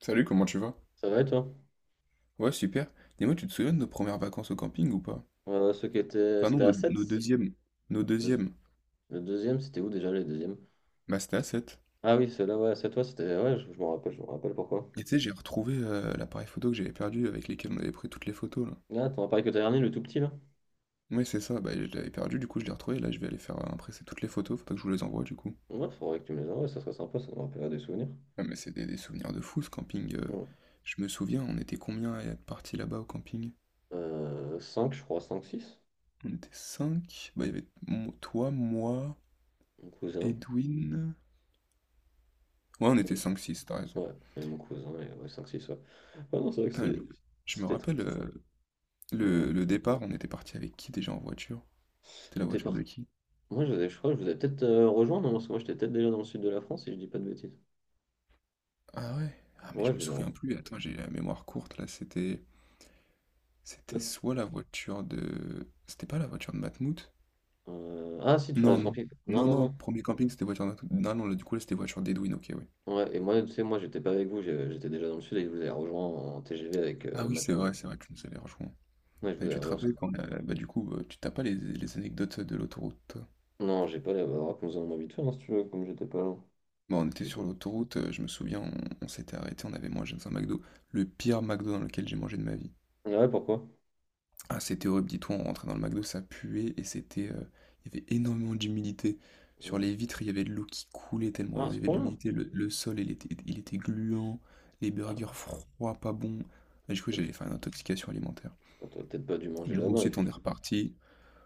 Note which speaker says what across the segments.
Speaker 1: Salut, comment tu vas?
Speaker 2: Ça va et toi?
Speaker 1: Ouais, super. Dis-moi, tu te souviens de nos premières vacances au camping ou pas?
Speaker 2: Ceux qui étaient...
Speaker 1: Enfin non,
Speaker 2: C'était à
Speaker 1: nos,
Speaker 2: 7.
Speaker 1: nos deuxièmes. Nos deuxièmes.
Speaker 2: Le deuxième, c'était où déjà le deuxième?
Speaker 1: Bah c'était à 7.
Speaker 2: Ah oui, c'est là, ouais, c'est toi, c'était... Ouais, je m'en rappelle, je me rappelle pourquoi.
Speaker 1: Et tu sais, j'ai retrouvé l'appareil photo que j'avais perdu avec lesquels on avait pris toutes les photos là.
Speaker 2: Ah, t'en as parlé que t'as dernier, le tout petit, là?
Speaker 1: Ouais, c'est ça, bah je l'avais perdu, du coup je l'ai retrouvé, là je vais aller faire impresser toutes les photos, faudra que je vous les envoie du coup.
Speaker 2: Ouais, faudrait que tu me les envoies, ça serait sympa, ça me rappellera des souvenirs.
Speaker 1: Ah mais c'est des souvenirs de fou ce camping.
Speaker 2: Ouais.
Speaker 1: Je me souviens, on était combien à être partis là-bas au camping?
Speaker 2: 5, je crois, 5 six.
Speaker 1: On était 5. Bah il y avait toi, moi,
Speaker 2: Mon cousin.
Speaker 1: Edwin. Ouais, on était
Speaker 2: Ouais,
Speaker 1: cinq, six. T'as raison.
Speaker 2: ouais, et mon cousin, et ouais, 5, 6, ouais. Ouais, non, c'est vrai que
Speaker 1: Putain, je
Speaker 2: c'est...
Speaker 1: me je me
Speaker 2: C'était très
Speaker 1: rappelle,
Speaker 2: sympa. Dis-moi.
Speaker 1: le départ, on était parti avec qui déjà en voiture? C'était la
Speaker 2: Mais t'es
Speaker 1: voiture de
Speaker 2: parti-
Speaker 1: qui?
Speaker 2: Moi, je, vous ai- je crois que je vous ai peut-être rejoint, non? Parce que moi, j'étais peut-être déjà dans le sud de la France, si je dis pas de bêtises.
Speaker 1: Ah ouais? Ah mais
Speaker 2: Ouais,
Speaker 1: je me
Speaker 2: je vous ai...
Speaker 1: souviens plus, attends, j'ai la mémoire courte là, c'était
Speaker 2: re-
Speaker 1: soit la voiture de c'était pas la voiture de Matmout?
Speaker 2: Ah si, tu parles de
Speaker 1: Non,
Speaker 2: ce
Speaker 1: non.
Speaker 2: camping. Non,
Speaker 1: Non
Speaker 2: non,
Speaker 1: non,
Speaker 2: non.
Speaker 1: premier camping, c'était voiture de Matmout. Non non, là, du coup là, c'était voiture d'Edwin, OK, oui.
Speaker 2: Ouais, et moi, tu sais, moi, j'étais pas avec vous, j'étais déjà dans le sud et je vous ai rejoint en TGV avec
Speaker 1: Ah oui,
Speaker 2: Matmout,
Speaker 1: c'est
Speaker 2: justement.
Speaker 1: vrai, tu nous avais rejoints.
Speaker 2: Ouais, je vous ai
Speaker 1: Tu te
Speaker 2: rejoint. Ce
Speaker 1: rappelles quand bah du coup, tu t'as pas les, les anecdotes de l'autoroute toi?
Speaker 2: Non, j'ai pas la bah, raconte-en envie de faire, hein, si tu veux, comme j'étais pas là.
Speaker 1: Bon, on était
Speaker 2: C'était
Speaker 1: sur
Speaker 2: pas-
Speaker 1: l'autoroute, je me souviens, on s'était arrêté, on avait mangé dans un McDo, le pire McDo dans lequel j'ai mangé de ma vie.
Speaker 2: Ah ouais, pourquoi?
Speaker 1: Ah, c'était horrible, dis-toi, on rentrait dans le McDo, ça puait et c'était, il y avait énormément d'humidité. Sur
Speaker 2: Ouais.
Speaker 1: les vitres, il y avait de l'eau qui coulait tellement
Speaker 2: Ah,
Speaker 1: hein.
Speaker 2: à
Speaker 1: Il
Speaker 2: ce
Speaker 1: y avait de
Speaker 2: point-là.
Speaker 1: l'humidité. Le sol, il était gluant, les burgers
Speaker 2: Ah,
Speaker 1: froids, pas bons. Là, j'ai cru
Speaker 2: peut-être
Speaker 1: j'allais faire une intoxication alimentaire.
Speaker 2: t'as peut-être pas dû
Speaker 1: Et
Speaker 2: manger
Speaker 1: du coup,
Speaker 2: là-bas,
Speaker 1: ensuite, on est
Speaker 2: effectivement.
Speaker 1: reparti.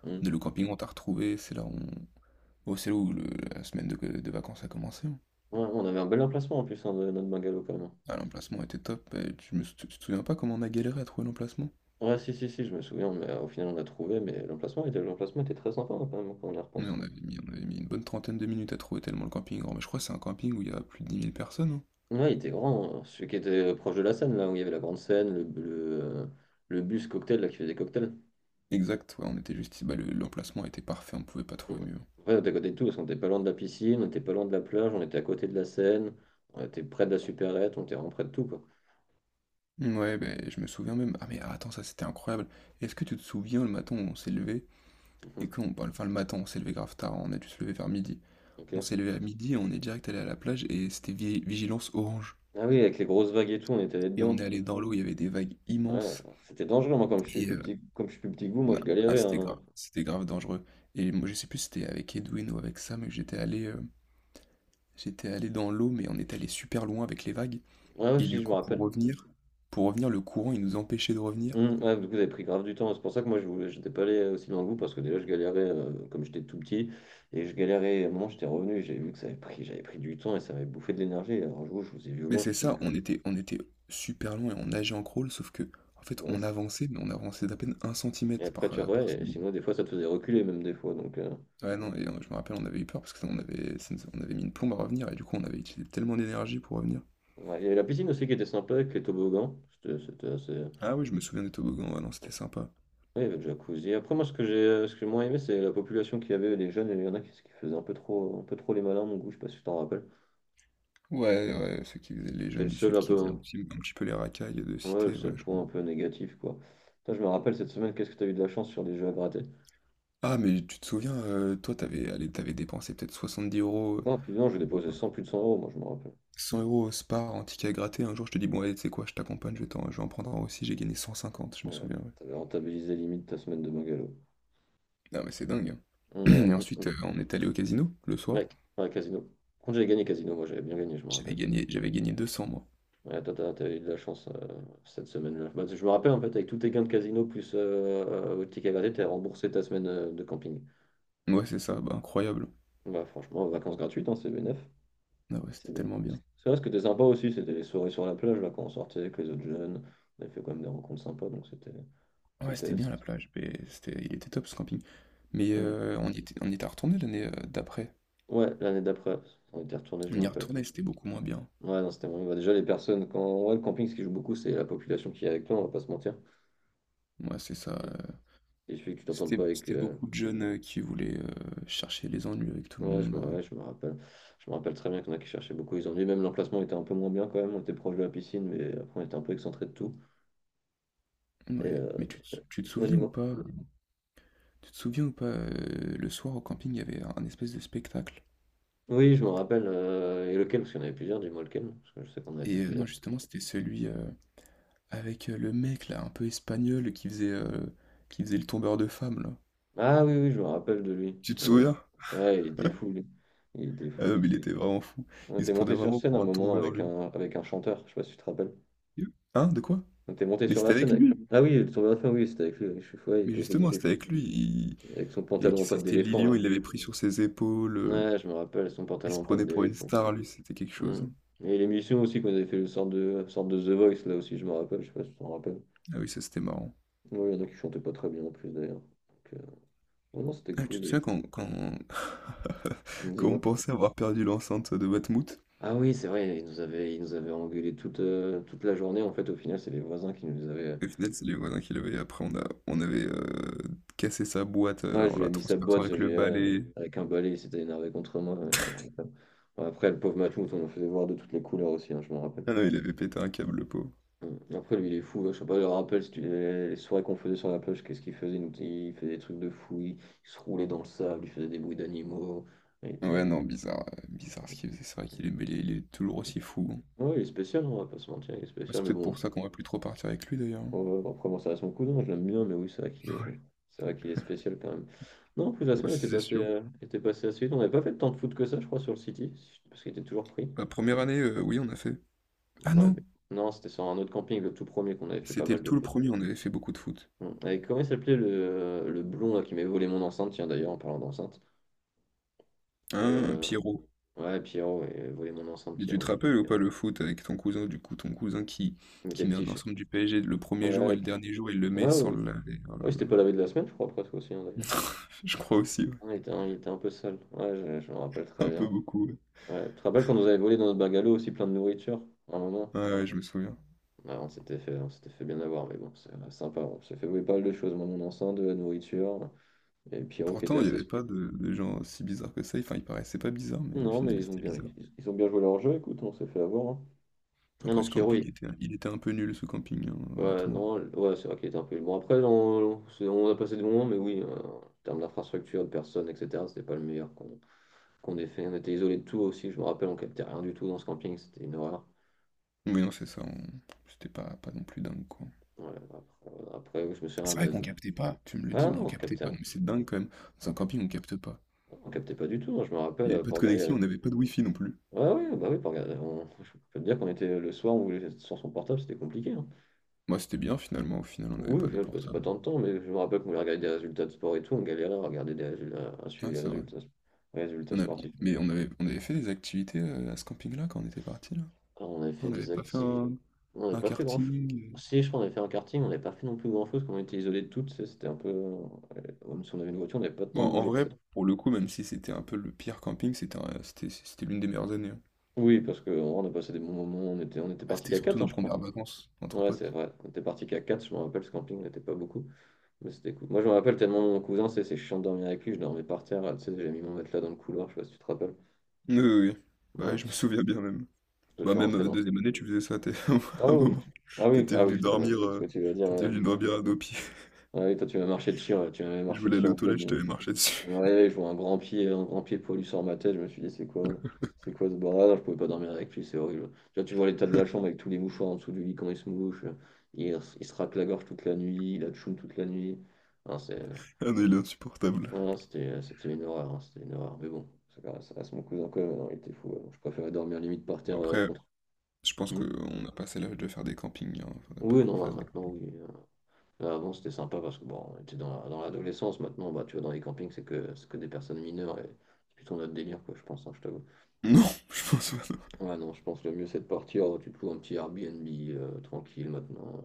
Speaker 2: Hmm.
Speaker 1: De le camping, on t'a retrouvé, c'est là où c'est là où le la semaine de vacances a commencé, hein.
Speaker 2: Ouais, on avait un bel emplacement en plus, hein, de notre bungalow, quand même.
Speaker 1: Ah, l'emplacement était top et tu te souviens pas comment on a galéré à trouver l'emplacement?
Speaker 2: Ouais, si, si, si, je me souviens, mais au final, on a trouvé, mais l'emplacement était très sympa, hein, quand même, quand on y
Speaker 1: Mais
Speaker 2: repense.
Speaker 1: on avait mis une bonne 30aine de minutes à trouver tellement le camping est grand. Mais je crois que c'est un camping où il y a plus de 10 000 personnes, hein?
Speaker 2: Ouais, il était grand, hein. Celui qui était proche de la scène, là où il y avait la grande scène, le bus cocktail là, qui faisait cocktail.
Speaker 1: Exact, ouais, on était juste ici, bah, le l'emplacement était parfait, on pouvait pas
Speaker 2: Ouais.
Speaker 1: trouver mieux.
Speaker 2: Après, on était à côté de tout, parce qu'on était pas loin de la piscine, on était pas loin de la plage, on était à côté de la Seine, on était près de la supérette, on était vraiment près de tout, quoi.
Speaker 1: Ouais, ben, je me souviens même. Ah mais attends, ça c'était incroyable. Est-ce que tu te souviens le matin où on s'est levé et
Speaker 2: Mhm.
Speaker 1: qu'on parle, enfin le matin on s'est levé grave tard, on a dû se lever vers midi. On
Speaker 2: Ok.
Speaker 1: s'est levé à midi et on est direct allé à la plage et c'était vigilance orange.
Speaker 2: Ah oui, avec les grosses vagues et tout, on était
Speaker 1: Et on est
Speaker 2: là-dedans.
Speaker 1: allé dans l'eau, il y avait des vagues
Speaker 2: Ouais,
Speaker 1: immenses
Speaker 2: c'était dangereux, moi,
Speaker 1: et
Speaker 2: comme je suis plus petit que vous, moi,
Speaker 1: na-
Speaker 2: je
Speaker 1: ah
Speaker 2: galérais, hein.
Speaker 1: c'était grave dangereux. Et moi je sais plus si c'était avec Edwin ou avec Sam, mais j'étais allé dans l'eau mais on est allé super loin avec les vagues.
Speaker 2: Ouais, ouais,
Speaker 1: Et du
Speaker 2: si, je me
Speaker 1: coup,
Speaker 2: rappelle.
Speaker 1: pour revenir, le courant, il nous empêchait de revenir.
Speaker 2: Ouais, du coup, vous avez pris grave du temps. C'est pour ça que moi, je voulais, j'étais pas allé aussi loin que vous parce que déjà, je galérais comme j'étais tout petit et je galérais. À un moment, j'étais revenu et j'avais vu que ça avait pris, j'avais pris du temps et ça m'avait bouffé de l'énergie. Et alors, je vous ai vu
Speaker 1: Mais
Speaker 2: loin, je
Speaker 1: c'est
Speaker 2: me suis dit.
Speaker 1: ça, on était super loin et on nageait en crawl, sauf que, en fait,
Speaker 2: Ouais,
Speaker 1: on
Speaker 2: ça-
Speaker 1: avançait, mais on avançait d'à peine un
Speaker 2: et
Speaker 1: centimètre
Speaker 2: après,
Speaker 1: par,
Speaker 2: tu
Speaker 1: par
Speaker 2: Ouais, et
Speaker 1: seconde.
Speaker 2: sinon, des fois, ça te faisait reculer, même des fois. Donc,
Speaker 1: Ouais, non et je me rappelle, on avait eu peur parce que ça on avait ça nous on avait mis une plombe à revenir et du coup, on avait utilisé tellement d'énergie pour revenir.
Speaker 2: ouais. Il y avait la piscine aussi qui était sympa avec les toboggans. C'était assez.
Speaker 1: Ah oui, je me souviens des toboggans, ouais, non,
Speaker 2: Ouais,
Speaker 1: c'était sympa.
Speaker 2: il y avait le jacuzzi. Après, moi, ce que j'ai moins aimé, c'est la population qu'il y avait, les jeunes. Il y en a qui faisaient un peu trop les malins, à mon goût, je sais pas si tu t'en rappelles.
Speaker 1: Ouais, ouais, ceux qui faisaient les
Speaker 2: C'était le
Speaker 1: jeunes du
Speaker 2: seul
Speaker 1: sud
Speaker 2: un
Speaker 1: qui
Speaker 2: peu,
Speaker 1: faisaient
Speaker 2: hein.
Speaker 1: un petit peu les racailles de
Speaker 2: Ouais, le
Speaker 1: cité, ouais,
Speaker 2: seul
Speaker 1: je
Speaker 2: point un peu négatif, quoi. Putain, je me rappelle cette semaine, qu'est-ce que t'as eu de la chance sur les jeux à gratter?
Speaker 1: ah mais tu te souviens, toi, t'avais, allez, t'avais dépensé peut-être 70 euros.
Speaker 2: Non, plus non, j'ai
Speaker 1: euh,
Speaker 2: déposé 100, plus de 100 euros, moi, je me rappelle.
Speaker 1: 100 € au Spar en ticket à gratter. Un jour, je te dis, bon, allez, tu sais quoi, je t'accompagne, je vais en prendre un aussi. J'ai gagné 150, je me
Speaker 2: Ouais,
Speaker 1: souviens, ouais.
Speaker 2: t'avais rentabilisé limite ta semaine de bungalow.
Speaker 1: Non, mais c'est dingue,
Speaker 2: Ouais,
Speaker 1: hein. Et
Speaker 2: ouais,
Speaker 1: ensuite, on est allé au casino le soir.
Speaker 2: ouais, ouais, casino. Quand j'avais gagné casino, moi, j'avais bien gagné, je me rappelle.
Speaker 1: J'avais gagné 200, moi.
Speaker 2: Ouais, toi, t'avais eu de la chance cette semaine-là. Bah, je me rappelle, en fait, avec tous tes gains de casino plus au ticket à gratter, t'as remboursé ta semaine de camping.
Speaker 1: Ouais, c'est ça, bah, incroyable.
Speaker 2: Bah, franchement, vacances gratuites, hein, c'est bénef.
Speaker 1: Ah ouais,
Speaker 2: C'est
Speaker 1: c'était tellement bien.
Speaker 2: c'est vrai, ce qui était sympa aussi, c'était les soirées sur la plage, là, quand on sortait avec les autres jeunes. On avait fait quand même des rencontres sympas, donc c'était.
Speaker 1: Ouais,
Speaker 2: C'était...
Speaker 1: c'était bien la plage. Mais c'était, il était top ce camping. Mais
Speaker 2: Hmm.
Speaker 1: on y était retourné l'année d'après.
Speaker 2: Ouais, l'année d'après, on était retourné, je me
Speaker 1: On y est
Speaker 2: rappelle.
Speaker 1: retourné, c'était beaucoup moins bien.
Speaker 2: Ouais, non, c'était vraiment. Bah, déjà, les personnes, quand. Ouais, le camping, ce qui joue beaucoup, c'est la population qui est avec toi, on va pas se mentir.
Speaker 1: Ouais, c'est ça.
Speaker 2: Il il suffit que tu t'entendes
Speaker 1: C'était,
Speaker 2: pas avec.
Speaker 1: c'était beaucoup de jeunes qui voulaient chercher les ennuis avec tout le monde.
Speaker 2: Ouais, je me rappelle. Je me rappelle très bien qu'il y en a qui cherchaient beaucoup. Ils ont dit, même l'emplacement était un peu moins bien quand même. On était proche de la piscine, mais après, on était un peu excentré de tout. Et.
Speaker 1: Ouais,
Speaker 2: euh,
Speaker 1: mais tu te
Speaker 2: Ouais,
Speaker 1: souviens ou
Speaker 2: dis-moi.
Speaker 1: pas? Tu te souviens ou pas, le soir au camping, il y avait un espèce de spectacle.
Speaker 2: Oui, je me rappelle. Et lequel? Parce qu'il y en avait plusieurs, dis-moi lequel. Parce que je sais qu'on avait fait
Speaker 1: Et
Speaker 2: plusieurs.
Speaker 1: non, justement, c'était celui avec le mec là, un peu espagnol, qui faisait le tombeur de femmes là.
Speaker 2: Ah oui, oui, je me rappelle de lui.
Speaker 1: Tu te
Speaker 2: Ouais,
Speaker 1: souviens?
Speaker 2: ouais, il était fou, lui. Il était
Speaker 1: Ah
Speaker 2: fou.
Speaker 1: non, mais il était vraiment fou.
Speaker 2: On
Speaker 1: Il se
Speaker 2: était
Speaker 1: prenait
Speaker 2: monté sur
Speaker 1: vraiment
Speaker 2: scène un
Speaker 1: pour un
Speaker 2: moment
Speaker 1: tombeur,
Speaker 2: avec
Speaker 1: lui.
Speaker 2: un, chanteur, je sais pas si tu te rappelles.
Speaker 1: Hein, de quoi?
Speaker 2: On était monté
Speaker 1: Mais
Speaker 2: sur la
Speaker 1: c'était
Speaker 2: scène
Speaker 1: avec
Speaker 2: avec.
Speaker 1: lui là.
Speaker 2: Ah oui, le tour de la fin, oui, c'était avec lui. Oui, je suis fou, ouais,
Speaker 1: Mais
Speaker 2: il
Speaker 1: justement,
Speaker 2: était
Speaker 1: c'était
Speaker 2: fou.
Speaker 1: avec lui. Il...
Speaker 2: Avec son pantalon en pote
Speaker 1: c'était
Speaker 2: d'éléphant,
Speaker 1: Lilian,
Speaker 2: là.
Speaker 1: il l'avait pris sur ses épaules.
Speaker 2: Ouais, je me rappelle, son
Speaker 1: Il
Speaker 2: pantalon
Speaker 1: se
Speaker 2: en pote
Speaker 1: prenait pour une
Speaker 2: d'éléphant.
Speaker 1: star, lui. C'était quelque chose,
Speaker 2: Hmm.
Speaker 1: hein.
Speaker 2: Et l'émission aussi, qu'on avait fait le sorte de The Voice, là aussi, je me rappelle. Je sais pas si tu t'en rappelles.
Speaker 1: Ah oui, ça c'était marrant.
Speaker 2: Oui, il y en a qui chantaient pas très bien en plus, d'ailleurs. Donc, oh non, c'était
Speaker 1: Ah, tu te
Speaker 2: cool.
Speaker 1: souviens quand... quand on
Speaker 2: Dis-moi.
Speaker 1: pensait avoir perdu l'enceinte de Batmouth?
Speaker 2: Ah oui, c'est vrai, ils nous avaient engueulés toute la journée. En fait, au final, c'est les voisins qui nous avaient.
Speaker 1: Au final, c'est les voisins qui l'avaient. Après, on avait cassé sa boîte
Speaker 2: Ouais, je
Speaker 1: en
Speaker 2: lui ai
Speaker 1: la
Speaker 2: mis sa
Speaker 1: transperçant
Speaker 2: boîte, je
Speaker 1: avec le
Speaker 2: lui
Speaker 1: balai.
Speaker 2: avec un balai, il s'était énervé contre moi, ouais, je me rappelle. Bon, après, le pauvre Matmout, on le faisait voir de toutes les couleurs aussi, hein, je me rappelle.
Speaker 1: Ah non, il avait pété un câble, le pauvre.
Speaker 2: Mm. Après, lui, il est fou, hein, je sais pas, je me rappelle si tu- les soirées qu'on faisait sur la plage, qu'est-ce qu'il faisait? Il faisait des trucs de fou, il se roulait dans le sable, il faisait des bruits d'animaux. Il
Speaker 1: Ouais,
Speaker 2: était...
Speaker 1: non, bizarre ce
Speaker 2: il-
Speaker 1: qu'il faisait. C'est vrai mais il est toujours
Speaker 2: il-
Speaker 1: aussi fou, hein.
Speaker 2: Ouais, il est spécial, on va pas se mentir, il est
Speaker 1: Ouais,
Speaker 2: spécial,
Speaker 1: c'est
Speaker 2: mais
Speaker 1: peut-être
Speaker 2: bon,
Speaker 1: pour ça qu'on va plus trop partir avec lui, d'ailleurs, hein.
Speaker 2: oh, oh, après, bon, ça reste mon cousin, je l'aime bien, mais oui, c'est vrai qu'il est... C'est vrai qu'il est spécial quand même. Non, en plus, la
Speaker 1: Ouais,
Speaker 2: semaine
Speaker 1: c'est sûr.
Speaker 2: était passée assez vite. On n'avait pas fait tant de foot que ça, je crois, sur le City, si parce qu'il était toujours pris.
Speaker 1: La première année, oui, on a fait. Ah
Speaker 2: Ouais,
Speaker 1: non!
Speaker 2: non, c'était sur un autre camping, le tout premier, qu'on avait fait pas
Speaker 1: C'était
Speaker 2: mal de
Speaker 1: tout le
Speaker 2: foot.
Speaker 1: premier, on avait fait beaucoup de foot.
Speaker 2: Hum. Et comment il s'appelait le blond là, qui m'avait volé mon enceinte, tiens, d'ailleurs, en parlant d'enceinte.
Speaker 1: Hein,
Speaker 2: Euh,
Speaker 1: Pierrot.
Speaker 2: Ouais, Pierrot, et volé mon enceinte,
Speaker 1: Et tu te
Speaker 2: Pierrot. Je...
Speaker 1: rappelles ou pas le foot avec ton cousin, du coup,
Speaker 2: il mettait
Speaker 1: qui
Speaker 2: le
Speaker 1: met un
Speaker 2: t-shirt.
Speaker 1: ensemble du PSG le premier jour
Speaker 2: Ouais,
Speaker 1: et le
Speaker 2: ok.
Speaker 1: dernier jour, il le met
Speaker 2: Ah,
Speaker 1: sans
Speaker 2: oui.
Speaker 1: le laver. Oh
Speaker 2: Ouais, c'était pas la veille de la semaine, je crois, après presque aussi, hein, d'ailleurs.
Speaker 1: je crois aussi, ouais.
Speaker 2: Ah, il était un peu sale. Ouais, je me rappelle très
Speaker 1: Un peu
Speaker 2: bien.
Speaker 1: beaucoup, ouais.
Speaker 2: Ouais, tu te rappelles quand nous avait volé dans notre bungalow aussi plein de nourriture, à un moment?
Speaker 1: Ouais, ouais, je me souviens.
Speaker 2: Ah, on s'était fait bien avoir, mais bon, c'est sympa, on s'est fait voler pas mal de choses, moi, mon enceinte, de la nourriture, et Pierrot qui était
Speaker 1: Pourtant, il n'y
Speaker 2: assez...
Speaker 1: avait pas de gens si bizarres que ça. Enfin, il paraissait pas bizarre, mais au
Speaker 2: Non, mais
Speaker 1: final, c'était bizarre.
Speaker 2: ils ont bien joué leur jeu, écoute, on s'est fait avoir, hein. Ah
Speaker 1: Après,
Speaker 2: non, Pierrot,
Speaker 1: il était un peu nul, ce camping, hein,
Speaker 2: ouais,
Speaker 1: honnêtement.
Speaker 2: non, ouais, c'est vrai qu'il était un peu... Bon, après, on a passé des moments, mais oui, en termes d'infrastructure, de personnes, etc., c'était pas le meilleur qu'on ait fait. On était isolés de tout aussi, je me rappelle, on captait rien du tout dans ce camping, c'était une horreur.
Speaker 1: Mais non, c'est ça, c'était pas, pas non plus dingue, quoi.
Speaker 2: Ouais, après, après, je me suis
Speaker 1: C'est vrai qu'on
Speaker 2: ramassé.
Speaker 1: captait pas, tu me le dis,
Speaker 2: Ah
Speaker 1: mais on
Speaker 2: non,
Speaker 1: captait
Speaker 2: capté.
Speaker 1: pas. Non, mais c'est dingue, quand même. Dans un
Speaker 2: On cap-
Speaker 1: camping, on capte pas.
Speaker 2: on captait pas du tout, hein, je me
Speaker 1: Il
Speaker 2: rappelle,
Speaker 1: n'y avait pas
Speaker 2: pour
Speaker 1: de
Speaker 2: regarder.
Speaker 1: connexion, on n'avait pas de wifi non plus.
Speaker 2: Ouais, ouais, bah oui, pour regarder. Je peux te dire qu'on était le soir, on voulait être sur son portable, c'était compliqué, hein.
Speaker 1: Moi, c'était bien, finalement. Au final, on n'avait
Speaker 2: Oui,
Speaker 1: pas
Speaker 2: au
Speaker 1: de
Speaker 2: final, je passais pas
Speaker 1: portable.
Speaker 2: tant de temps, mais je me rappelle qu'on voulait regarder des résultats de sport et tout, on galérait à regarder des résultats, à suivre
Speaker 1: Ah, c'est vrai.
Speaker 2: les résultats
Speaker 1: On a-
Speaker 2: sportifs.
Speaker 1: Mais on avait fait des activités à ce camping-là quand on était parti, là.
Speaker 2: Ah, on avait
Speaker 1: On
Speaker 2: fait
Speaker 1: n'avait
Speaker 2: des
Speaker 1: pas fait
Speaker 2: activités. On n'avait
Speaker 1: un
Speaker 2: pas fait grand-chose.
Speaker 1: karting.
Speaker 2: Si, je crois qu'on avait fait un karting, on n'avait pas fait non plus grand-chose, quand on était isolés de toutes, tu sais, c'était un peu. Même si on avait une voiture, on n'avait pas
Speaker 1: Bon,
Speaker 2: tant
Speaker 1: en
Speaker 2: bougé que
Speaker 1: vrai,
Speaker 2: ça.
Speaker 1: pour le coup, même si c'était un peu le pire camping, c'était c'était l'une des meilleures années, hein.
Speaker 2: Oui, parce qu'on on a passé des bons moments, on était
Speaker 1: Ah,
Speaker 2: parti
Speaker 1: c'était
Speaker 2: qu'à
Speaker 1: surtout
Speaker 2: 4,
Speaker 1: nos
Speaker 2: je crois.
Speaker 1: premières vacances entre
Speaker 2: Ouais, c'est
Speaker 1: potes.
Speaker 2: vrai. On était parti qu'à 4, je me rappelle, ce camping n'était pas beaucoup. Mais c'était cool. Moi, je me rappelle tellement mon cousin, c'est chiant de dormir avec lui. Je dormais par terre, là, tu sais, j'ai mis mon matelas dans le couloir, je sais pas si tu te rappelles.
Speaker 1: Oui, oui, oui. Bah,
Speaker 2: Ouais,
Speaker 1: je me
Speaker 2: parce
Speaker 1: souviens bien même.
Speaker 2: que
Speaker 1: Bah,
Speaker 2: tu
Speaker 1: même
Speaker 2: rentrais dans.
Speaker 1: deuxième année, tu faisais ça,
Speaker 2: Ah
Speaker 1: à un
Speaker 2: oui,
Speaker 1: moment.
Speaker 2: tu- ah oui,
Speaker 1: T'étais
Speaker 2: ah oui,
Speaker 1: venu
Speaker 2: putain, ouais,
Speaker 1: dormir,
Speaker 2: c'est ce que
Speaker 1: euh,
Speaker 2: tu vas dire,
Speaker 1: t'étais
Speaker 2: ouais.
Speaker 1: venu dormir à nos pieds.
Speaker 2: Ah oui, toi, tu m'as marché dessus, ouais, tu m'avais
Speaker 1: Je
Speaker 2: marché
Speaker 1: voulais
Speaker 2: dessus
Speaker 1: aller
Speaker 2: en
Speaker 1: aux
Speaker 2: pleine
Speaker 1: toilettes, je
Speaker 2: nuit.
Speaker 1: t'avais marché dessus.
Speaker 2: Je me réveille, je vois un grand pied poilu sur ma tête. Je me suis dit, c'est quoi ce bordel? Non, je pouvais pas dormir avec lui, c'est horrible. Tu vois l'état de la chambre avec tous les mouchoirs en dessous du lit quand il se mouche. Il se racle la gorge toute la nuit, il a tchoum toute la nuit. Non, c'est
Speaker 1: Ah non, il est insupportable.
Speaker 2: non, non, c'était une horreur, hein, c'était une horreur. Mais bon, ça reste mon cousin quand même, hein, il était fou, hein. Je préférais dormir limite par
Speaker 1: Bon,
Speaker 2: terre
Speaker 1: après,
Speaker 2: contre.
Speaker 1: je pense
Speaker 2: Mm.
Speaker 1: qu'on a passé l'âge de faire des campings, hein. Faudrait pas
Speaker 2: Oui,
Speaker 1: qu'on
Speaker 2: non, bah,
Speaker 1: fasse des...
Speaker 2: maintenant, oui. Là, avant, c'était sympa parce que bon, on était dans l'adolescence. Maintenant, bah, tu vois, dans les campings, c'est que des personnes mineures et c'est plutôt notre délire, quoi, je pense, hein, je t'avoue.
Speaker 1: non, je pense pas, non.
Speaker 2: Ouais, non, je pense que le mieux, c'est de partir. Tu te loues un petit Airbnb tranquille maintenant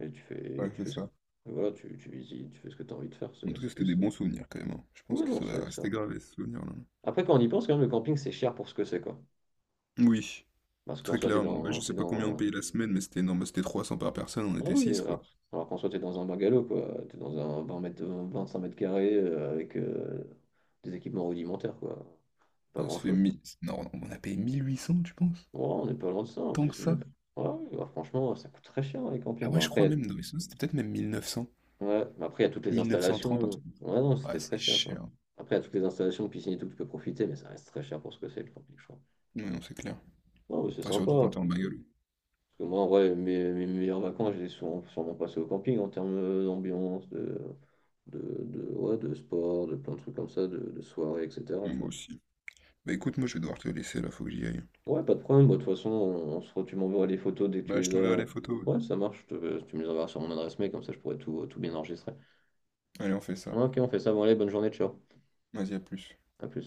Speaker 2: et tu fais,
Speaker 1: Ouais, c'est
Speaker 2: ce que.
Speaker 1: ça.
Speaker 2: Voilà, tu visites, tu fais ce que tu as envie de faire,
Speaker 1: En tout cas,
Speaker 2: c'est
Speaker 1: c'était des
Speaker 2: plus.
Speaker 1: bons souvenirs quand même, hein. Je pense
Speaker 2: Oui,
Speaker 1: que
Speaker 2: non,
Speaker 1: ça va
Speaker 2: c'est ça.
Speaker 1: rester gravé ce souvenir-là.
Speaker 2: Après, quand on y pense, quand même, le camping, c'est cher pour ce que c'est, quoi.
Speaker 1: Oui,
Speaker 2: Parce qu'en
Speaker 1: très
Speaker 2: soi,
Speaker 1: clairement. Bah, je
Speaker 2: t'es
Speaker 1: sais pas combien on
Speaker 2: dans...
Speaker 1: payait la semaine, mais c'était énorme. Bah, c'était 300 par personne, on
Speaker 2: Ah
Speaker 1: était
Speaker 2: oui,
Speaker 1: six, quoi.
Speaker 2: alors qu'en soi, t'es dans un bungalow, quoi. T'es dans un 20 mètres, 25 mètres carrés avec des équipements rudimentaires, quoi. Pas
Speaker 1: Ouais, ça fait
Speaker 2: grand-chose.
Speaker 1: 1000. Non, non, on a payé 1800, tu penses?
Speaker 2: Ouais, on n'est pas loin de ça, en
Speaker 1: Tant que
Speaker 2: plus. Mais...
Speaker 1: ça?
Speaker 2: Ouais, ouais, ouais, franchement, ça coûte très cher, les campings.
Speaker 1: Ah ouais,
Speaker 2: Bon,
Speaker 1: je crois
Speaker 2: après,
Speaker 1: même. Non, mais sinon, c'était peut-être même 1900.
Speaker 2: ouais, mais après, il y a toutes les
Speaker 1: 1930, un
Speaker 2: installations.
Speaker 1: truc.
Speaker 2: Ouais, non,
Speaker 1: Ouais,
Speaker 2: c'était
Speaker 1: c'est
Speaker 2: très cher, je crois.
Speaker 1: cher.
Speaker 2: Après, il y a toutes les installations, piscine et tout, tu peux profiter, mais ça reste très cher pour ce que c'est, le camping, je crois.
Speaker 1: Ouais, non, c'est clair.
Speaker 2: Non, mais c'est
Speaker 1: Enfin, surtout quand
Speaker 2: sympa.
Speaker 1: t'es en bagnole.
Speaker 2: Parce que moi, en vrai, mes meilleures vacances, je les ai souvent, sûrement passées au camping en termes d'ambiance, de, ouais, de sport, de plein de trucs comme ça, de soirée, etc.
Speaker 1: Ouais,
Speaker 2: Tu
Speaker 1: moi
Speaker 2: vois.
Speaker 1: aussi. Bah écoute, moi je vais devoir te laisser là, faut que j'y aille.
Speaker 2: Ouais, pas de problème. Bah, de toute façon, tu m'enverras les photos dès que tu
Speaker 1: Bah, je
Speaker 2: les
Speaker 1: t'enverrai
Speaker 2: as.
Speaker 1: les photos, ouais.
Speaker 2: Ouais, ça marche. Tu me les enverras sur mon adresse mail, comme ça je pourrais tout bien enregistrer.
Speaker 1: Allez, on fait ça.
Speaker 2: Ouais, ok, on fait ça. Bon, allez, bonne journée, ciao.
Speaker 1: Vas-y, à plus.
Speaker 2: À plus.